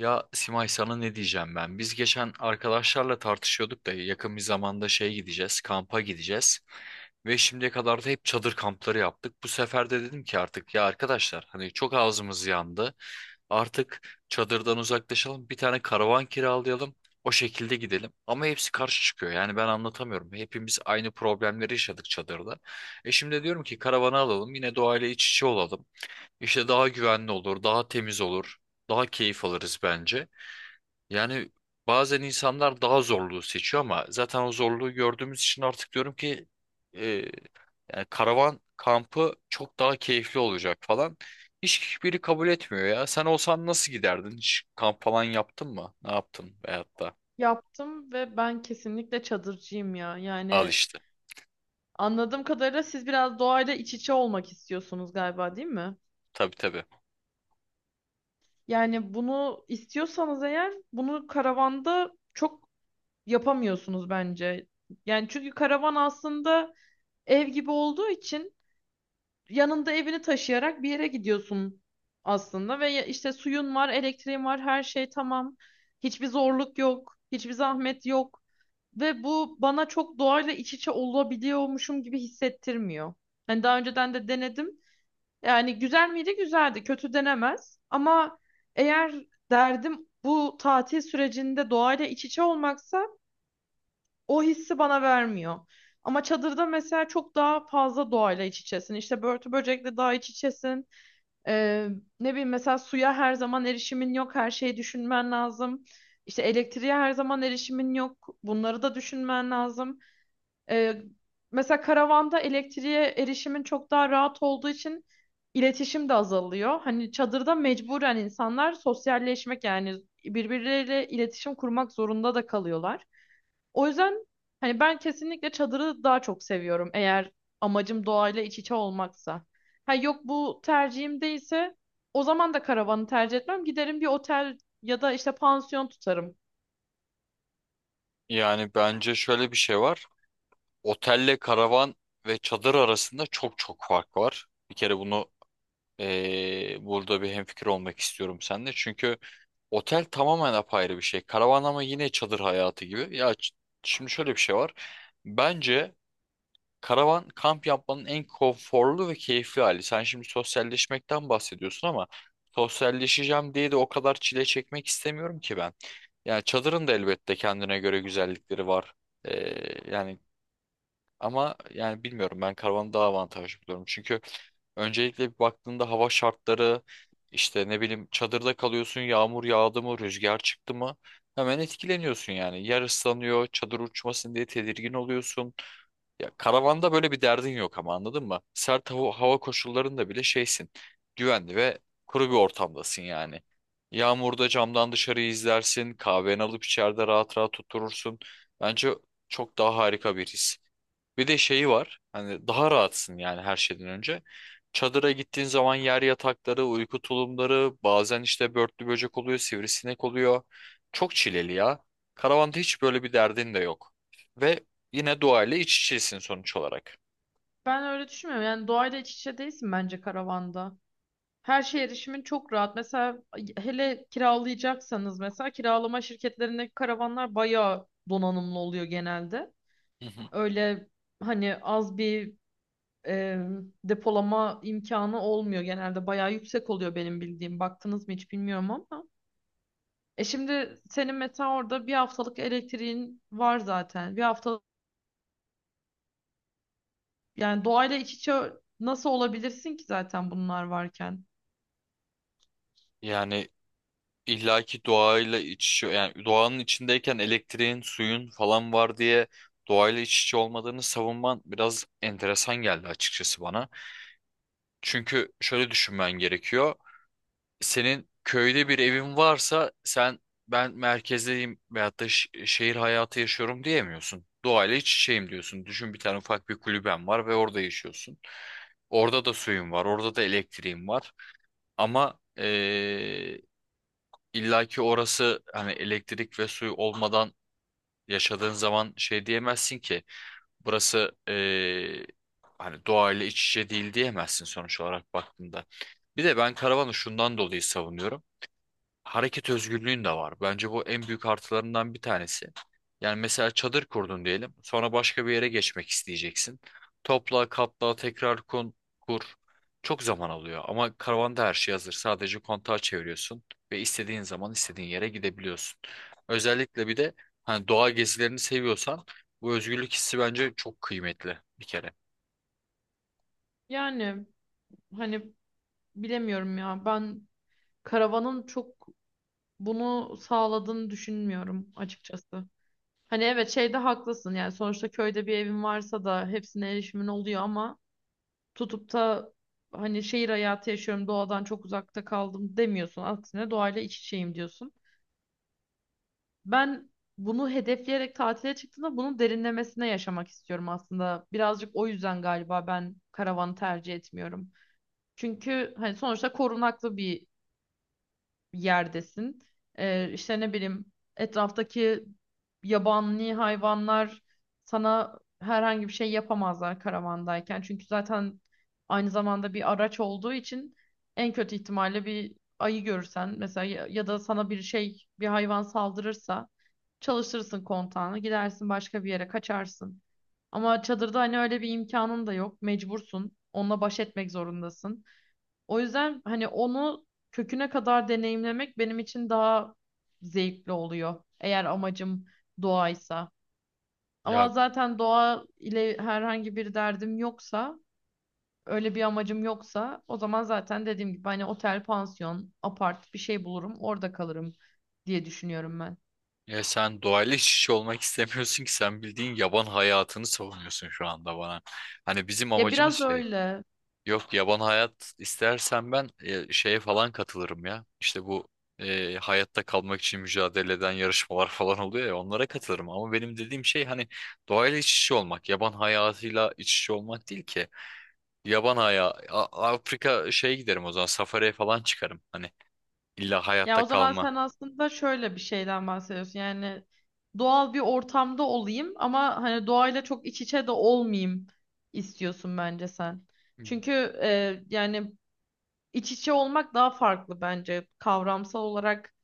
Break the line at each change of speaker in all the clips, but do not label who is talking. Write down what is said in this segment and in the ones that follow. Ya Simay, sana ne diyeceğim ben? Biz geçen arkadaşlarla tartışıyorduk da yakın bir zamanda şeye gideceğiz, kampa gideceğiz. Ve şimdiye kadar da hep çadır kampları yaptık. Bu sefer de dedim ki artık ya arkadaşlar hani çok ağzımız yandı. Artık çadırdan uzaklaşalım, bir tane karavan kiralayalım. O şekilde gidelim. Ama hepsi karşı çıkıyor. Yani ben anlatamıyorum. Hepimiz aynı problemleri yaşadık çadırda. E şimdi diyorum ki karavanı alalım, yine doğayla iç içe olalım. İşte daha güvenli olur, daha temiz olur, daha keyif alırız bence. Yani bazen insanlar daha zorluğu seçiyor ama zaten o zorluğu gördüğümüz için artık diyorum ki e, yani karavan kampı çok daha keyifli olacak falan. Hiç biri kabul etmiyor ya. Sen olsan nasıl giderdin? Hiç kamp falan yaptın mı? Ne yaptın? Veyahut da
Yaptım ve ben kesinlikle çadırcıyım ya.
al
Yani
işte.
anladığım kadarıyla siz biraz doğayla iç içe olmak istiyorsunuz galiba, değil mi?
Tabii, tabii.
Yani bunu istiyorsanız eğer bunu karavanda çok yapamıyorsunuz bence. Yani çünkü karavan aslında ev gibi olduğu için yanında evini taşıyarak bir yere gidiyorsun aslında ve işte suyun var, elektriğin var, her şey tamam. Hiçbir zorluk yok, hiçbir zahmet yok ve bu bana çok doğayla iç içe olabiliyormuşum gibi hissettirmiyor. Hani daha önceden de denedim. Yani güzel miydi? Güzeldi. Kötü denemez. Ama eğer derdim bu tatil sürecinde doğayla iç içe olmaksa o hissi bana vermiyor. Ama çadırda mesela çok daha fazla doğayla iç içesin. İşte börtü böcekle daha iç içesin. Ee, ne bileyim mesela suya her zaman erişimin yok. Her şeyi düşünmen lazım. İşte elektriğe her zaman erişimin yok. Bunları da düşünmen lazım. Ee, mesela karavanda elektriğe erişimin çok daha rahat olduğu için iletişim de azalıyor. Hani çadırda mecburen insanlar sosyalleşmek yani birbirleriyle iletişim kurmak zorunda da kalıyorlar. O yüzden hani ben kesinlikle çadırı daha çok seviyorum eğer amacım doğayla iç içe olmaksa. Ha yok, bu tercihim değilse o zaman da karavanı tercih etmem. Giderim bir otel ya da işte pansiyon tutarım.
Yani bence şöyle bir şey var. Otelle karavan ve çadır arasında çok çok fark var. Bir kere bunu burada bir hemfikir olmak istiyorum seninle. Çünkü otel tamamen apayrı bir şey. Karavan ama yine çadır hayatı gibi. Şimdi şöyle bir şey var. Bence karavan kamp yapmanın en konforlu ve keyifli hali. Sen şimdi sosyalleşmekten bahsediyorsun ama sosyalleşeceğim diye de o kadar çile çekmek istemiyorum ki ben. Yani çadırın da elbette kendine göre güzellikleri var. Ee, yani ama yani bilmiyorum, ben karavanı daha avantajlı buluyorum. Çünkü öncelikle bir baktığında hava şartları işte ne bileyim çadırda kalıyorsun, yağmur yağdı mı, rüzgar çıktı mı hemen etkileniyorsun yani. Yer ıslanıyor, çadır uçmasın diye tedirgin oluyorsun. Ya karavanda böyle bir derdin yok, ama anladın mı? Sert hava koşullarında bile şeysin. Güvenli ve kuru bir ortamdasın yani. Yağmurda camdan dışarıyı izlersin. Kahveni alıp içeride rahat rahat oturursun. Bence çok daha harika bir his. Bir de şeyi var. Hani daha rahatsın yani her şeyden önce. Çadıra gittiğin zaman yer yatakları, uyku tulumları, bazen işte börtlü böcek oluyor, sivrisinek oluyor. Çok çileli ya. Karavanda hiç böyle bir derdin de yok. Ve yine doğayla iç içesin sonuç olarak.
Ben öyle düşünmüyorum. Yani doğayla iç içe değilsin bence karavanda. Her şeye erişimin çok rahat. Mesela hele kiralayacaksanız mesela kiralama şirketlerindeki karavanlar bayağı donanımlı oluyor genelde.
Hı hı.
Öyle hani az bir e, depolama imkanı olmuyor. Genelde bayağı yüksek oluyor benim bildiğim. Baktınız mı hiç bilmiyorum ama. E şimdi senin mesela orada bir haftalık elektriğin var zaten. Bir haftalık yani doğayla iç içe nasıl olabilirsin ki zaten bunlar varken?
Yani illaki doğayla iç içe, yani doğanın içindeyken elektriğin, suyun falan var diye doğayla iç içe olmadığını savunman biraz enteresan geldi açıkçası bana. Çünkü şöyle düşünmen gerekiyor. Senin köyde bir evin varsa sen ben merkezdeyim veyahut da şehir hayatı yaşıyorum diyemiyorsun. Doğayla iç içeyim diyorsun. Düşün, bir tane ufak bir kulüben var ve orada yaşıyorsun. Orada da suyun var, orada da elektriğin var. Ama illaki orası hani elektrik ve suyu olmadan yaşadığın zaman şey diyemezsin ki, burası hani doğayla iç içe değil diyemezsin sonuç olarak baktığında. Bir de ben karavanı şundan dolayı savunuyorum, hareket özgürlüğün de var. Bence bu en büyük artılarından bir tanesi. Yani mesela çadır kurdun diyelim. Sonra başka bir yere geçmek isteyeceksin. Topla, katla, tekrar kur. Çok zaman alıyor ama karavanda her şey hazır. Sadece kontağı çeviriyorsun ve istediğin zaman istediğin yere gidebiliyorsun. Özellikle bir de hani doğa gezilerini seviyorsan bu özgürlük hissi bence çok kıymetli bir kere.
Yani hani bilemiyorum ya. Ben karavanın çok bunu sağladığını düşünmüyorum açıkçası. Hani evet şeyde haklısın yani sonuçta köyde bir evin varsa da hepsine erişimin oluyor ama tutup da hani şehir hayatı yaşıyorum, doğadan çok uzakta kaldım demiyorsun. Aksine doğayla iç içeyim diyorsun. Ben bunu hedefleyerek tatile çıktığımda bunun derinlemesine yaşamak istiyorum aslında. Birazcık o yüzden galiba ben karavanı tercih etmiyorum. Çünkü hani sonuçta korunaklı bir yerdesin. İşte ne bileyim etraftaki yabani hayvanlar sana herhangi bir şey yapamazlar karavandayken. Çünkü zaten aynı zamanda bir araç olduğu için en kötü ihtimalle bir ayı görürsen mesela ya, ya da sana bir şey bir hayvan saldırırsa çalıştırırsın kontağını, gidersin başka bir yere, kaçarsın. Ama çadırda hani öyle bir imkanın da yok, mecbursun onunla baş etmek zorundasın. O yüzden hani onu köküne kadar deneyimlemek benim için daha zevkli oluyor. Eğer amacım doğaysa. Ama
Ya
zaten doğa ile herhangi bir derdim yoksa, öyle bir amacım yoksa o zaman zaten dediğim gibi hani otel, pansiyon, apart bir şey bulurum, orada kalırım diye düşünüyorum ben.
Ya, sen doğayla iç içe olmak istemiyorsun ki, sen bildiğin yaban hayatını savunuyorsun şu anda bana. Hani bizim
Ya
amacımız
biraz
şey.
öyle.
Yok, yaban hayat istersen ben şeye falan katılırım ya. İşte bu hayatta kalmak için mücadele eden yarışmalar falan oluyor ya, onlara katılırım. Ama benim dediğim şey hani doğayla iç içe olmak. Yaban hayatıyla iç içe olmak değil ki. Afrika şeye giderim o zaman, safariye falan çıkarım. Hani illa
Ya
hayatta
o zaman
kalma.
sen aslında şöyle bir şeyden bahsediyorsun. Yani doğal bir ortamda olayım ama hani doğayla çok iç içe de olmayayım istiyorsun bence sen. Çünkü yani iç içe olmak daha farklı bence. Kavramsal olarak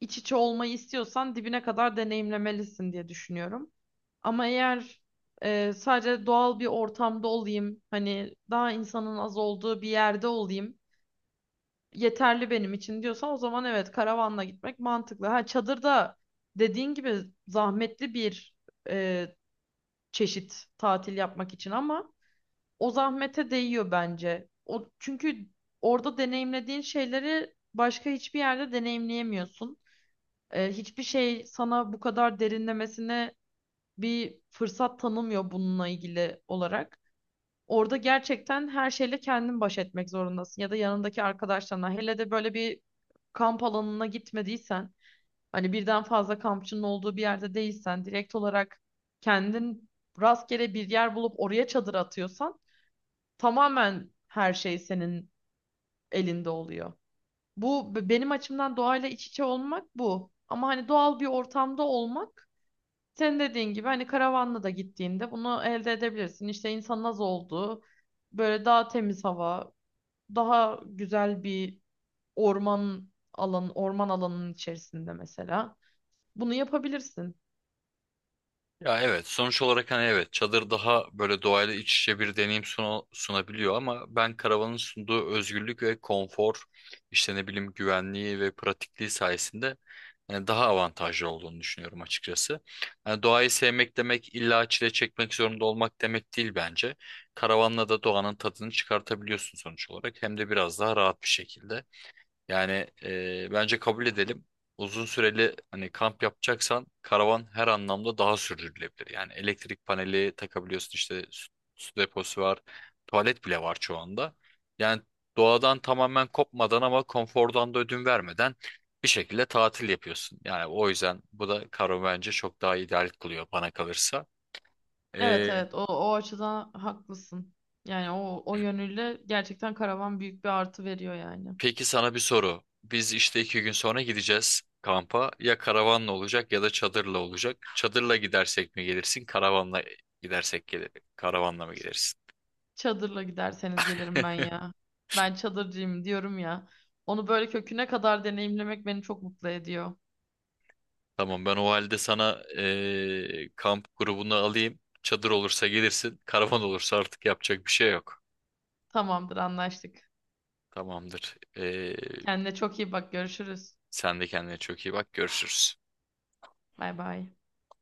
iç içe olmayı istiyorsan dibine kadar deneyimlemelisin diye düşünüyorum. Ama eğer sadece doğal bir ortamda olayım, hani daha insanın az olduğu bir yerde olayım yeterli benim için diyorsan o zaman evet, karavanla gitmek mantıklı. Ha çadırda dediğin gibi zahmetli bir e, çeşit tatil yapmak için ama o zahmete değiyor bence. O çünkü orada deneyimlediğin şeyleri başka hiçbir yerde deneyimleyemiyorsun. Hiçbir şey sana bu kadar derinlemesine bir fırsat tanımıyor bununla ilgili olarak. Orada gerçekten her şeyle kendin baş etmek zorundasın ya da yanındaki arkadaşlarına. Hele de böyle bir kamp alanına gitmediysen, hani birden fazla kampçının olduğu bir yerde değilsen, direkt olarak kendin rastgele bir yer bulup oraya çadır atıyorsan tamamen her şey senin elinde oluyor. Benim açımdan doğayla iç içe olmak bu. Ama hani doğal bir ortamda olmak senin dediğin gibi hani karavanla da gittiğinde bunu elde edebilirsin. İşte insanın az olduğu böyle daha temiz hava, daha güzel bir orman alanının içerisinde mesela. Bunu yapabilirsin.
Ya evet, sonuç olarak hani evet çadır daha böyle doğayla iç içe bir deneyim sunabiliyor ama ben karavanın sunduğu özgürlük ve konfor işte ne bileyim güvenliği ve pratikliği sayesinde yani daha avantajlı olduğunu düşünüyorum açıkçası. Yani doğayı sevmek demek illa çile çekmek zorunda olmak demek değil bence. Karavanla da doğanın tadını çıkartabiliyorsun sonuç olarak, hem de biraz daha rahat bir şekilde. Yani bence kabul edelim. Uzun süreli hani kamp yapacaksan karavan her anlamda daha sürdürülebilir. Yani elektrik paneli takabiliyorsun, işte su deposu var. Tuvalet bile var şu anda. Yani doğadan tamamen kopmadan ama konfordan da ödün vermeden bir şekilde tatil yapıyorsun. Yani o yüzden bu da karavan bence çok daha ideal kılıyor bana kalırsa.
Evet evet, o açıdan haklısın. Yani o yönüyle gerçekten karavan büyük bir artı veriyor yani.
Peki sana bir soru. Biz işte iki gün sonra gideceğiz kampa. Ya karavanla olacak ya da çadırla olacak. Çadırla gidersek mi gelirsin? Karavanla gidersek gelir. Karavanla mı gelirsin?
Çadırla giderseniz gelirim ben ya. Ben çadırcıyım diyorum ya. Onu böyle köküne kadar deneyimlemek beni çok mutlu ediyor.
Tamam, ben o halde sana kamp grubunu alayım. Çadır olursa gelirsin. Karavan olursa artık yapacak bir şey yok.
Tamamdır, anlaştık.
Tamamdır.
Kendine çok iyi bak, görüşürüz.
Sen de kendine çok iyi bak. Görüşürüz.
Bay bay.